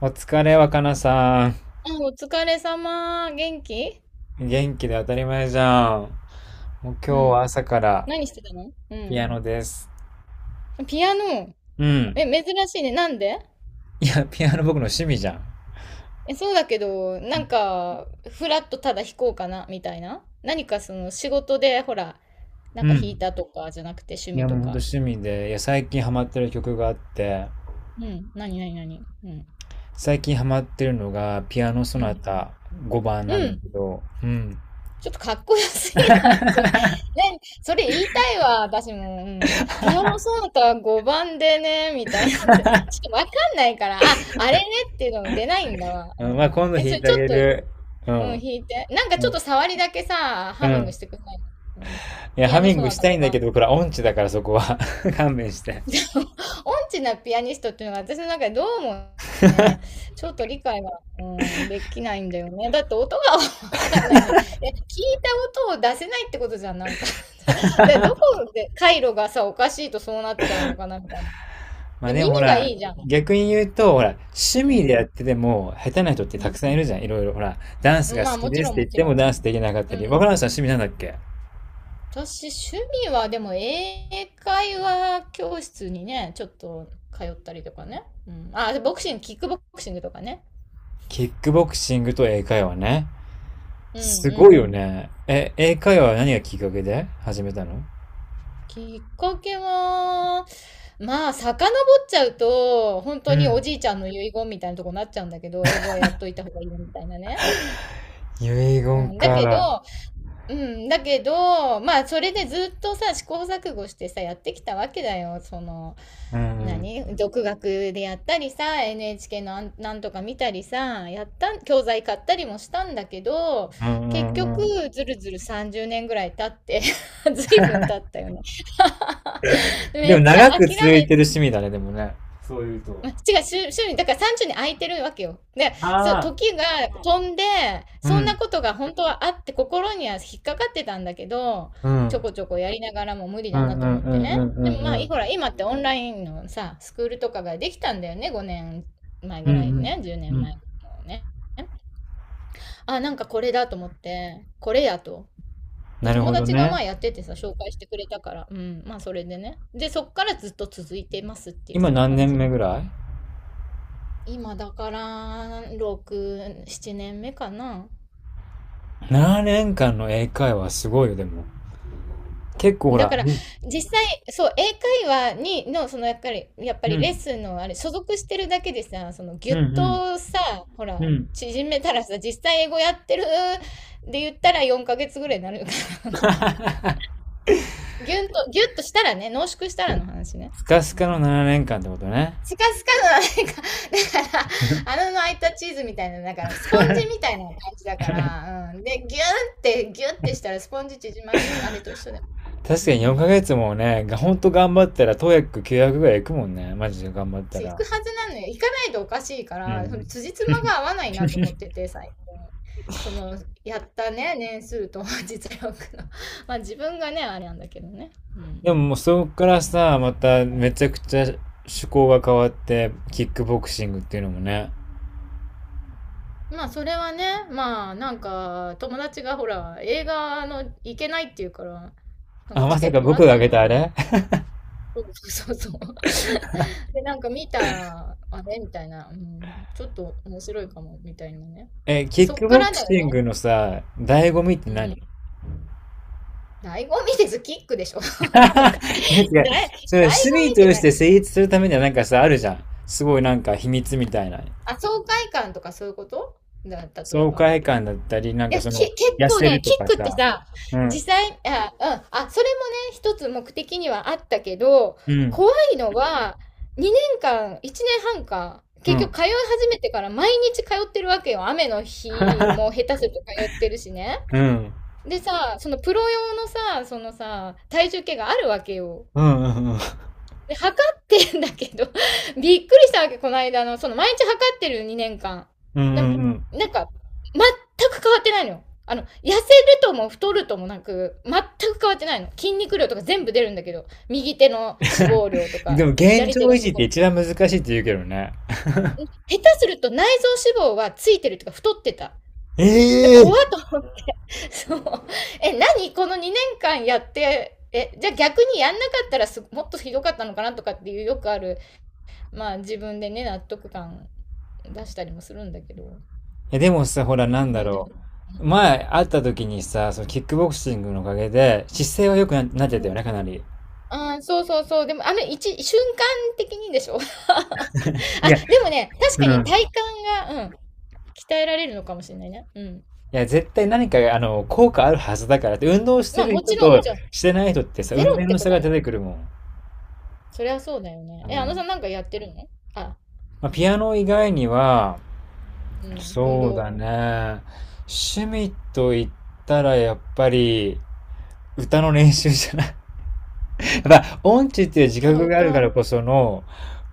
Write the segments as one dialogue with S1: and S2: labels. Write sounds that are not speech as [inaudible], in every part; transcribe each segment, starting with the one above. S1: お疲れ、若菜さん。
S2: あ、お疲れ様。元気？
S1: 元気で当たり前じゃん。もう今
S2: う
S1: 日
S2: ん。
S1: は朝から
S2: 何してたの？
S1: ピ
S2: う
S1: アノです。
S2: ん。ピアノ。
S1: うん。
S2: え、珍しいね。なんで？
S1: いや、ピアノ僕の趣味じゃん。
S2: え、そうだけど、なんか、フラッとただ弾こうかな、みたいな。何かその仕事で、ほら、な
S1: う
S2: んか弾い
S1: ん。
S2: たとかじゃなくて趣
S1: い
S2: 味
S1: や、も
S2: と
S1: うほんと
S2: か。
S1: 趣味で、いや、最近ハマってる曲があって、
S2: うん。何何何？うん。
S1: 最近ハマってるのがピアノソ
S2: う
S1: ナ
S2: ん。
S1: タ5番
S2: う
S1: なんだ
S2: ん。
S1: けど、うん。
S2: ちょっとかっこよすぎない？[laughs]
S1: [laughs]
S2: それ、ね、それ言いたいわ、私も。うん。ピアノソナタ5番でね、みたいなんです [laughs] ちょっとわかんないから、あ、あれねっていうのも出ないんだわ。
S1: う
S2: う
S1: ん、まあ
S2: ん。
S1: 今度
S2: え、
S1: 弾
S2: そ
S1: い
S2: れ
S1: てあ
S2: ちょっ
S1: げ
S2: と、う
S1: る。うん。
S2: ん、弾いて。なんかち
S1: う
S2: ょっと
S1: ん。
S2: 触りだけさ、
S1: う
S2: ハミング
S1: ん。
S2: してくんないの？うん。
S1: いや、
S2: ピ
S1: ハ
S2: アノ
S1: ミン
S2: ソ
S1: グ
S2: ナ
S1: し
S2: タ
S1: たいんだ
S2: 番。
S1: けど、これは音痴だからそこは [laughs] 勘弁して。
S2: [laughs] 音痴なピアニストっていうのが私の中でどうもね、ちょっと理解が、うん、できないんだよね。だって音が [laughs] わかんないね。え、聞いた音を出せないってことじゃん、なんか。 [laughs] で、どこで回路がさ、おかしいとそうなっちゃうのかな、みたいな。
S1: まあ
S2: で、
S1: でもほ
S2: 耳が
S1: ら、
S2: いいじゃん。
S1: 逆に言うと、ほら、趣
S2: う
S1: 味でや
S2: ん。
S1: ってても、下手な人ってたくさんいるじゃん、いろいろ。ほら、ダンス
S2: うん。
S1: が
S2: まあ、
S1: 好き
S2: もち
S1: です
S2: ろ
S1: っ
S2: ん、
S1: て
S2: も
S1: 言っ
S2: ち
S1: て
S2: ろ
S1: もダ
S2: ん。
S1: ンスできなかった
S2: うん。
S1: り。若林さん趣味なんだっけ？
S2: 私、趣味は、でも、英会話教室にね、ちょっと通ったりとかね。うん。あ、ボクシング、キックボクシングとかね。
S1: キックボクシングと英会話ね。
S2: うん
S1: す
S2: う
S1: ごい
S2: ん。
S1: よね。え、英会話は何がきっかけで始めたの？
S2: きっかけは、まあ、遡っちゃうと、本
S1: う
S2: 当にお
S1: ん。
S2: じいちゃんの遺言みたいなとこになっちゃうんだけど、英語はやっといた方がいいみたいなね。
S1: 遺
S2: う
S1: 言
S2: ん、だけど、
S1: か。
S2: うん、だけど、まあ、それでずっとさ、試行錯誤してさ、やってきたわけだよ。その、
S1: うん。
S2: 何独学でやったりさ、 NHK のなんなんとか見たりさ、やった、教材買ったりもしたんだけど、
S1: うんう
S2: 結局
S1: んうん。
S2: ずるずる30年ぐらい経って。 [laughs] 随分経ったよね。 [laughs]
S1: で
S2: め
S1: も
S2: っち
S1: 長
S2: ゃ
S1: く
S2: 諦め
S1: 続いてる趣味だね、でもね。そういうと。
S2: ま、違う、週に、だから30に空いてるわけよ。で、そう、
S1: ああ。
S2: 時が飛んで、
S1: う
S2: そんな
S1: ん。
S2: ことが本当はあって、心には引っかかってたんだけど、
S1: う
S2: ちょ
S1: ん。
S2: こちょこやりながらも無理
S1: うん
S2: だな
S1: うんう
S2: と思
S1: ん
S2: って
S1: う
S2: ね。
S1: んう
S2: でもまあ、
S1: んう
S2: い
S1: ん。
S2: ほら、今ってオンラインのさ、スクールとかができたんだよね、5年前
S1: うん
S2: ぐ
S1: う
S2: らいね、
S1: ん。
S2: 10
S1: う
S2: 年前
S1: ん。
S2: ねんまえね。あ、なんかこれだと思って、これやと。で、
S1: なる
S2: 友
S1: ほど
S2: 達がま
S1: ね。
S2: あやっててさ、紹介してくれたから、うん、まあそれでね。で、そっからずっと続いてますっていう、
S1: 今
S2: そういう
S1: 何
S2: 感
S1: 年
S2: じ。
S1: 目ぐらい？
S2: 今だから6、7年目かな。
S1: 7 年間の英会話すごいよ、でも。結構ほ
S2: だ
S1: ら、
S2: から
S1: うん、
S2: 実際、そう、英会話にの、そのやっぱり、やっぱ
S1: う
S2: りレッ
S1: ん、
S2: スンのあれ、所属してるだけでさ、その
S1: う
S2: ギ
S1: ん、
S2: ュッ
S1: う
S2: とさ、ほ
S1: ん、う
S2: ら、
S1: ん。
S2: 縮めたらさ、実際英語やってるで言ったら4ヶ月ぐらいになるから、あの、
S1: [laughs]
S2: ギュンと、ギュッとしたらね、濃縮したらの話ね。
S1: スカスカの7年間ってことね。
S2: スカスカの、なんか、だから、
S1: [laughs]
S2: 穴の開いたチーズみたいな、だから、ス
S1: 確
S2: ポ
S1: か
S2: ンジ
S1: に。
S2: みたいな感じだから、うん。で、ギューってしたらスポンジ縮まると、あれと一緒だよ。うん。
S1: 4ヶ月もね、がほんと頑張ったら、トヤック900ぐらいいくもんね。マジで頑張った
S2: そう行く
S1: ら。
S2: はずなのよ。行かないとおかしいか
S1: うん
S2: ら、そ
S1: う
S2: の
S1: ん。
S2: 辻褄が合わないなと思ってて、最近。その、やったね、年数と [laughs] 実力の。[laughs] まあ、自分がね、あれなんだけどね。うん。
S1: でももうそこからさ、まためちゃくちゃ趣向が変わって、キックボクシングっていうのもね。
S2: まあそれはね、まあ、なんか友達がほら、映画の行けないっていうから、なんか
S1: あ、ま
S2: チケ
S1: さ
S2: ッ
S1: か
S2: トも
S1: 僕
S2: らっ
S1: が
S2: た
S1: 挙
S2: んだ
S1: げ
S2: よ
S1: た
S2: ね。
S1: あれ？
S2: そうそうそうそう。[laughs] で、なんか見たら、あれみたいな、うん、ちょっと面白いかも、みたいなね。
S1: [laughs] え、キ
S2: で、
S1: ッ
S2: そっ
S1: ク
S2: か
S1: ボ
S2: ら
S1: ク
S2: だよ
S1: シ
S2: ね。
S1: ングのさ、醍醐味って
S2: うん。
S1: 何？
S2: 醍醐味です、キックでしょ。[laughs] どうか。
S1: いや違う。
S2: だい、醍醐味
S1: それ趣味
S2: っ
S1: と
S2: て
S1: し
S2: 何？
S1: て成立するためにはなんかさ、あるじゃん。すごいなんか秘密みたいな。
S2: あ、爽快感とかそういうことだ、例え
S1: 爽
S2: ば。
S1: 快感だったり、なん
S2: い
S1: か
S2: や、
S1: その、
S2: 結
S1: 痩
S2: 構
S1: せ
S2: ね、
S1: る
S2: キ
S1: と
S2: ッ
S1: か
S2: クって
S1: さ。
S2: さ、
S1: うん。
S2: 実際、あ、うん、あ、それもね、一つ目的にはあったけど、
S1: うん。
S2: 怖いのは、2年間、1年半か、
S1: う
S2: 結
S1: ん。
S2: 局通い始めてから毎日通ってるわけよ。雨の日も下
S1: [laughs]
S2: 手すると通ってるしね。
S1: うん。
S2: でさ、そのプロ用のさ、そのさ、体重計があるわけよ。
S1: うん。うん。
S2: で、測ってんだけど、[laughs] びっくりしたわけ、この間あの、その毎日測ってる2年間。
S1: うん。うん。
S2: で
S1: う
S2: も、
S1: ん。
S2: なんか、全く変わってないのよ。あの、痩せるとも太るともなく、全く変わってないの。筋肉量とか全部出るんだけど、右手の脂肪量と
S1: [laughs]。で
S2: か、
S1: も現
S2: 左
S1: 状
S2: 手の
S1: 維持って
S2: 脂肪
S1: 一番難しいって言うけどね。
S2: 量。下手すると内臓脂肪はついてるとか太ってた。
S1: え
S2: で、怖
S1: え。
S2: っと思って、[laughs] そう。え、何この2年間やって、え、じゃあ逆にやんなかったらもっとひどかったのかなとかっていう、よくあるまあ自分でね、納得感出したりもするんだけど、
S1: え、でもさ、ほら、なんだ
S2: なんで？
S1: ろう。前会った時にさ、そのキックボクシングのおかげで姿勢は良くな、なっ
S2: う
S1: てたよ
S2: ん。
S1: ね、かなり。
S2: ああ、そうそうそう。でも、あの、瞬間的にでしょ？ [laughs] あ、
S1: いや、
S2: でもね、確
S1: う
S2: かに
S1: ん。
S2: 体幹が、うん、鍛えられるのかもしれないね。うん。
S1: いや、絶対何か、あの、効果あるはずだからって、運動して
S2: まあ、
S1: る
S2: も
S1: 人
S2: ちろん、も
S1: と
S2: ちろん、
S1: してない人ってさ、
S2: ゼ
S1: 運
S2: ロっ
S1: 転
S2: て
S1: の
S2: こ
S1: 差
S2: とは
S1: が
S2: な
S1: 出て
S2: い。
S1: くるもん。
S2: そりゃそうだよね。
S1: う
S2: え、あのさ
S1: ん。
S2: んなんかやってるの？あ、
S1: まあ、ピアノ以外には、
S2: うん、運
S1: そう
S2: 動。
S1: だね。趣味と言ったら、やっぱり、歌の練習じゃない。[laughs] まあ、音痴っていう自
S2: あ、
S1: 覚があるから
S2: 歌。
S1: こその、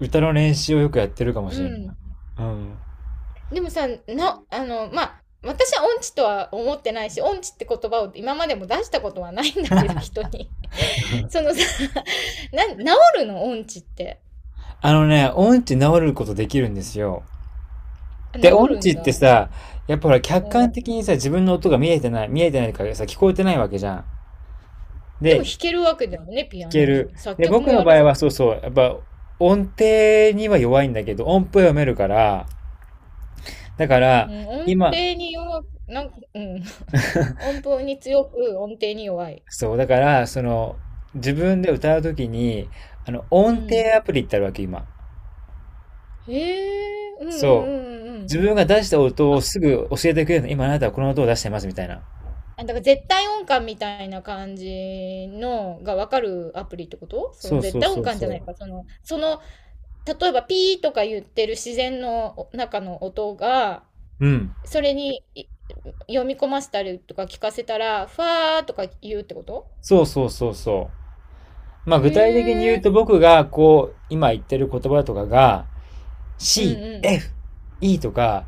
S1: 歌の練習をよくやってるかも
S2: う
S1: しれない。
S2: ん。
S1: うん。
S2: でもさ、あの、まあ、私は音痴とは思ってないし、音痴って言葉を今までも出したことはないんだけど、人に。そのさ、治るの音痴って？
S1: あのね、音痴治ることできるんですよ。
S2: あ、治
S1: で、音
S2: る
S1: 痴
S2: ん
S1: って
S2: だ。
S1: さ、やっぱほら客
S2: う
S1: 観
S2: ん。
S1: 的にさ、自分の音が見えてない、見えてないからさ、聞こえてないわけじゃん。
S2: でも
S1: で、
S2: 弾けるわけだよね、ピ
S1: 聞
S2: ア
S1: け
S2: ノを。
S1: る。
S2: 作
S1: で、
S2: 曲も
S1: 僕の
S2: や
S1: 場
S2: るじ
S1: 合
S2: ゃ
S1: は
S2: ん。
S1: そうそう、やっぱ音程には弱いんだけど、音符は読めるから、だか
S2: う
S1: ら、
S2: ん、音
S1: 今、
S2: 程に弱く、なんか、うん。[laughs] 音符に強く、音程に弱い。
S1: そう、だから、その、自
S2: う
S1: 分
S2: ん。
S1: で歌うときに、あの、音程アプリってあるわけ、今。
S2: へえ、うんうんうん
S1: そう。
S2: うんう
S1: 自
S2: ん。
S1: 分が出した音を
S2: あ、
S1: すぐ教えてくれるの。今あ
S2: う
S1: なた
S2: ん
S1: はこの音を出してます、みたいな。
S2: あ、だから絶対音感みたいな感じのがわかるアプリってこと？その
S1: そう
S2: 絶
S1: そう
S2: 対
S1: そ
S2: 音
S1: う
S2: 感じゃない
S1: そ
S2: か。その、例えばピーとか言ってる自然の中の音が、
S1: う。うん。
S2: それにい読み込ませたりとか聞かせたら、ファーとか言うってこと？
S1: そうそうそうそう。まあ
S2: へ
S1: 具体的に言う
S2: え。
S1: と僕がこう、今言ってる言葉とかが、
S2: うん
S1: C、
S2: うん。
S1: F、E とか、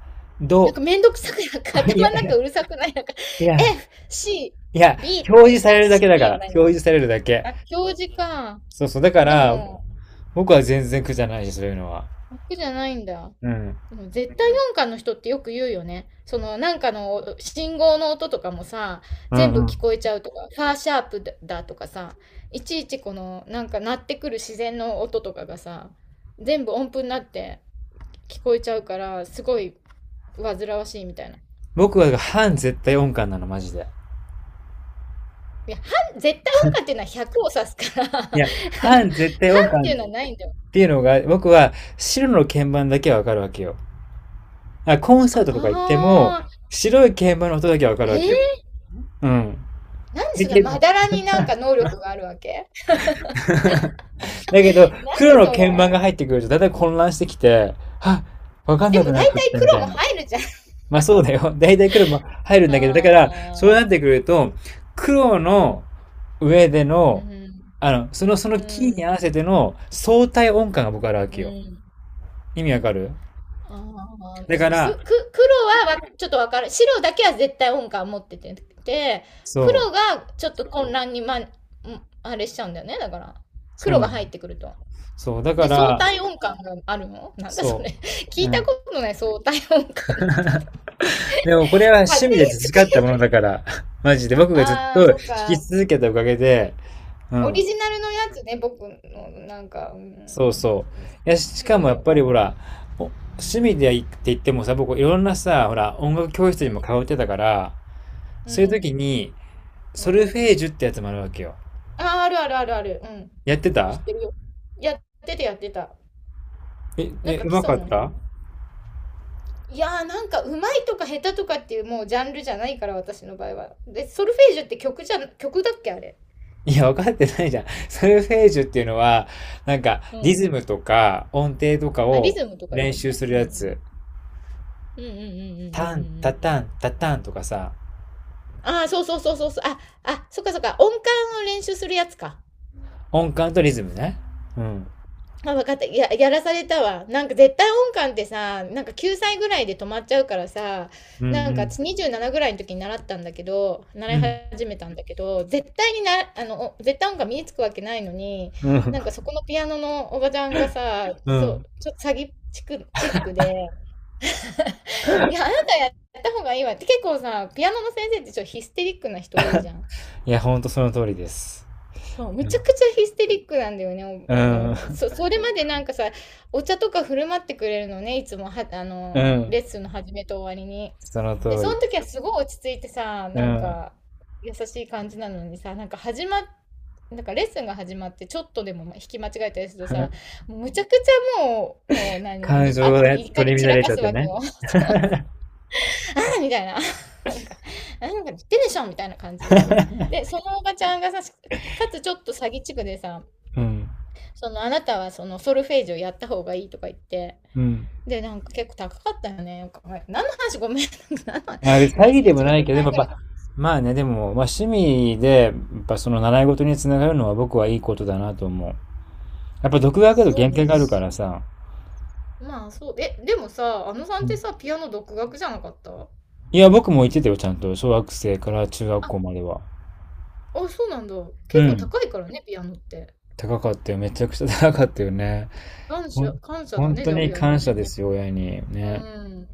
S2: なん
S1: ど、
S2: かめんどくさく、なんか [laughs]
S1: [laughs] い
S2: 頭
S1: や、
S2: の中
S1: い
S2: うるさくない、なんか
S1: や、
S2: F、C、
S1: いや、
S2: B、
S1: 表
S2: ね
S1: 示され
S2: あ、
S1: るだ
S2: C、
S1: けだか
S2: B
S1: ら。
S2: はないのか。
S1: 表示されるだけ。
S2: あ、表示か。
S1: そうそう。だか
S2: で
S1: ら、
S2: も、
S1: 僕は全然苦じゃないし、そういうのは。
S2: 楽じゃないんだ。
S1: うん。
S2: うん、絶対音感の人ってよく言うよね。そのなんかの信号の音とかもさ、
S1: う
S2: 全
S1: んう
S2: 部聞
S1: ん。
S2: こえちゃうとか、ファーシャープだとかさ、いちいちこのなんか鳴ってくる自然の音とかがさ、全部音符になって聞こえちゃうから、すごい煩わしいみたいな。い
S1: 僕は半絶対音感なの、マジで。
S2: や、半絶対音感っていうのは100を指すから。 [laughs]
S1: い
S2: あの、
S1: や、半
S2: 半
S1: 絶対音
S2: って
S1: 感
S2: いうのはないんだよ。
S1: っていうのが、僕は白の鍵盤だけはわかるわけよ。あコン
S2: あ
S1: サートとか行っても、
S2: あ、
S1: 白い鍵盤の音だけはわか
S2: え
S1: るわけよ。
S2: ー、
S1: うん。
S2: なんで
S1: で、
S2: そんなまだらになんか能力があるわけ？
S1: だけど、黒
S2: 何
S1: の
S2: それ？
S1: 鍵盤が入ってくると、だいたい混乱してきて、はっ、わかん
S2: で
S1: な
S2: も
S1: く
S2: 大
S1: なってき
S2: 体
S1: たみ
S2: 黒
S1: たい
S2: も
S1: な。
S2: 入るじゃん。
S1: まあそうだよ。[laughs] だいたい黒も入るん
S2: あ
S1: だけど、だから、そう
S2: あ、
S1: なってくると、黒の上で
S2: う
S1: の、
S2: ん、
S1: あの、その、そのキー
S2: う
S1: に
S2: ん、
S1: 合わせての相対音感が僕あるわ
S2: う
S1: けよ。
S2: ん。
S1: 意味わかる？
S2: ああ、
S1: だから、
S2: 黒はわちょっとわかる。白だけは絶対音感持ってて、で、
S1: そう、
S2: 黒がちょっと混乱に、ま、んあれしちゃうんだよね。だから、
S1: そう
S2: 黒
S1: な
S2: が
S1: の。
S2: 入ってくると。
S1: そう、だか
S2: で、相
S1: ら、
S2: 対音感があるのなんだそれ？
S1: そ
S2: [laughs] 聞
S1: う。う
S2: いた
S1: ん。
S2: ことない、相対音感なんて。
S1: でもこれは趣
S2: 勝手
S1: 味
S2: に
S1: で
S2: 作
S1: 培った
S2: っ
S1: ものだから、[laughs] マジで僕がずっ
S2: ああ、
S1: と弾
S2: そっ
S1: き
S2: か。
S1: 続けたおかげで、う
S2: オリ
S1: ん。
S2: ジナルのやつね、僕の、なんか、うん。
S1: そうそ
S2: そ
S1: う。いや、し
S2: う
S1: か
S2: い
S1: も
S2: う
S1: やっ
S2: の
S1: ぱり
S2: が。
S1: ほら、お趣味でって言ってもさ、僕いろんなさ、ほら、音楽教室
S2: う
S1: にも
S2: ん、
S1: 通ってたから、
S2: う
S1: そういう
S2: ん、
S1: 時に、
S2: う
S1: ソルフ
S2: ん。
S1: ェージュってやつもあるわけよ。
S2: ああ、あるあるあるある。うん。
S1: やって
S2: 知
S1: た？
S2: ってるよ。やってたやってた。
S1: え、
S2: なん
S1: え、
S2: か
S1: う
S2: 基
S1: ま
S2: 礎
S1: かっ
S2: のね。
S1: た？
S2: いやー、なんかうまいとか下手とかっていうもうジャンルじゃないから、私の場合は。で、ソルフェージュって曲じゃ、曲だっけあれ？
S1: いや、分かってないじゃん。[laughs] ソルフェージュっていうのは、なんか、
S2: う
S1: リ
S2: ん。
S1: ズムとか音程とか
S2: あ、リ
S1: を
S2: ズムとかだ
S1: 練
S2: よ
S1: 習
S2: ね。
S1: する
S2: う
S1: や
S2: ん。
S1: つ。
S2: うんうんうんうんうんう
S1: タン、
S2: んう
S1: タ
S2: ん。
S1: タン、タタンとかさ、
S2: ああ、そうそうそうそうそう。あ、あ、そっかそっか。音感を練習するやつか。
S1: 音感とリズムね。うん。
S2: あ、分かった。いや、やらされたわ。なんか絶対音感ってさ、なんか9歳ぐらいで止まっちゃうからさ、
S1: うんう
S2: なんか
S1: ん。
S2: 私27ぐらいの時に習ったんだけど、習
S1: う
S2: い
S1: ん。
S2: 始めたんだけど、絶対にあの、絶対音感身につくわけないのに、
S1: うん。
S2: なんかそこのピアノのおばちゃんがさ、
S1: う
S2: そ
S1: ん。
S2: う、ちょっと詐欺チックで、[laughs] いや、あなたやった方がいいわって、結構さ、ピアノの先生ってちょっとヒステリックな人多いじゃん。
S1: いや、ほんとその通りです。
S2: そう、むちゃくちゃヒステリックなんだよね。
S1: う
S2: おお、なんか、
S1: ん。
S2: それまでなんかさ、お茶とか振る舞ってくれるのね、いつもは、あ
S1: う
S2: の、
S1: ん。
S2: レッスンの始めと終わりに。
S1: その
S2: で、
S1: 通
S2: その
S1: り。
S2: 時はすごい落ち着いてさ、
S1: う
S2: なん
S1: ん。
S2: か、優しい感じなのにさ、なんか始まっ、なんかレッスンが始まって、ちょっとでも引き間違えたりするとさ、
S1: [laughs]
S2: もうむちゃくちゃもう、もう何、
S1: 感
S2: いあ、
S1: 情で
S2: 怒り
S1: 取り
S2: 散
S1: 乱
S2: ら
S1: れち
S2: か
S1: ゃっ
S2: す
S1: て
S2: わけ
S1: ね。
S2: よ。[laughs] [laughs] あみたいな。 [laughs]。なんか、言ってでしょみたいな感じでさ。で、そのおばちゃんがさ、かつちょっと詐欺地区でさ、
S1: うん。
S2: そのあなたはそのソルフェージュをやった方がいいとか言って、
S1: うん。
S2: で、なんか結構高かったよね。なんかは何の話ごめん。 [laughs]。なんか何
S1: まあ、詐
S2: の
S1: 欺
S2: 話、
S1: でも
S2: 1
S1: な
S2: 万
S1: いけど、でも
S2: 円ぐ
S1: や
S2: ら
S1: っ
S2: い。
S1: ぱ、まあね、でも、まあ、趣味で、やっぱその習い事につながるのは僕はいいことだなと思う。やっぱ独学だと
S2: そう
S1: 限界
S2: ね。
S1: があるからさ。
S2: まあそう。え、でもさ、あのさん
S1: う
S2: って
S1: ん、
S2: さ、ピアノ独学じゃなかった？
S1: いや、僕も言ってたよ、ちゃんと。小学生から中学
S2: あ、
S1: 校までは。
S2: あ、そうなんだ。
S1: う
S2: 結構
S1: ん。
S2: 高いからね、ピアノって。
S1: 高かったよ。めちゃくちゃ高かったよね。
S2: 感
S1: ほん、
S2: 謝、感謝だ
S1: 本
S2: ね、
S1: 当
S2: じゃあ
S1: に
S2: 親
S1: 感
S2: に
S1: 謝
S2: ね。
S1: ですよ、親に。
S2: う
S1: ね。
S2: ん。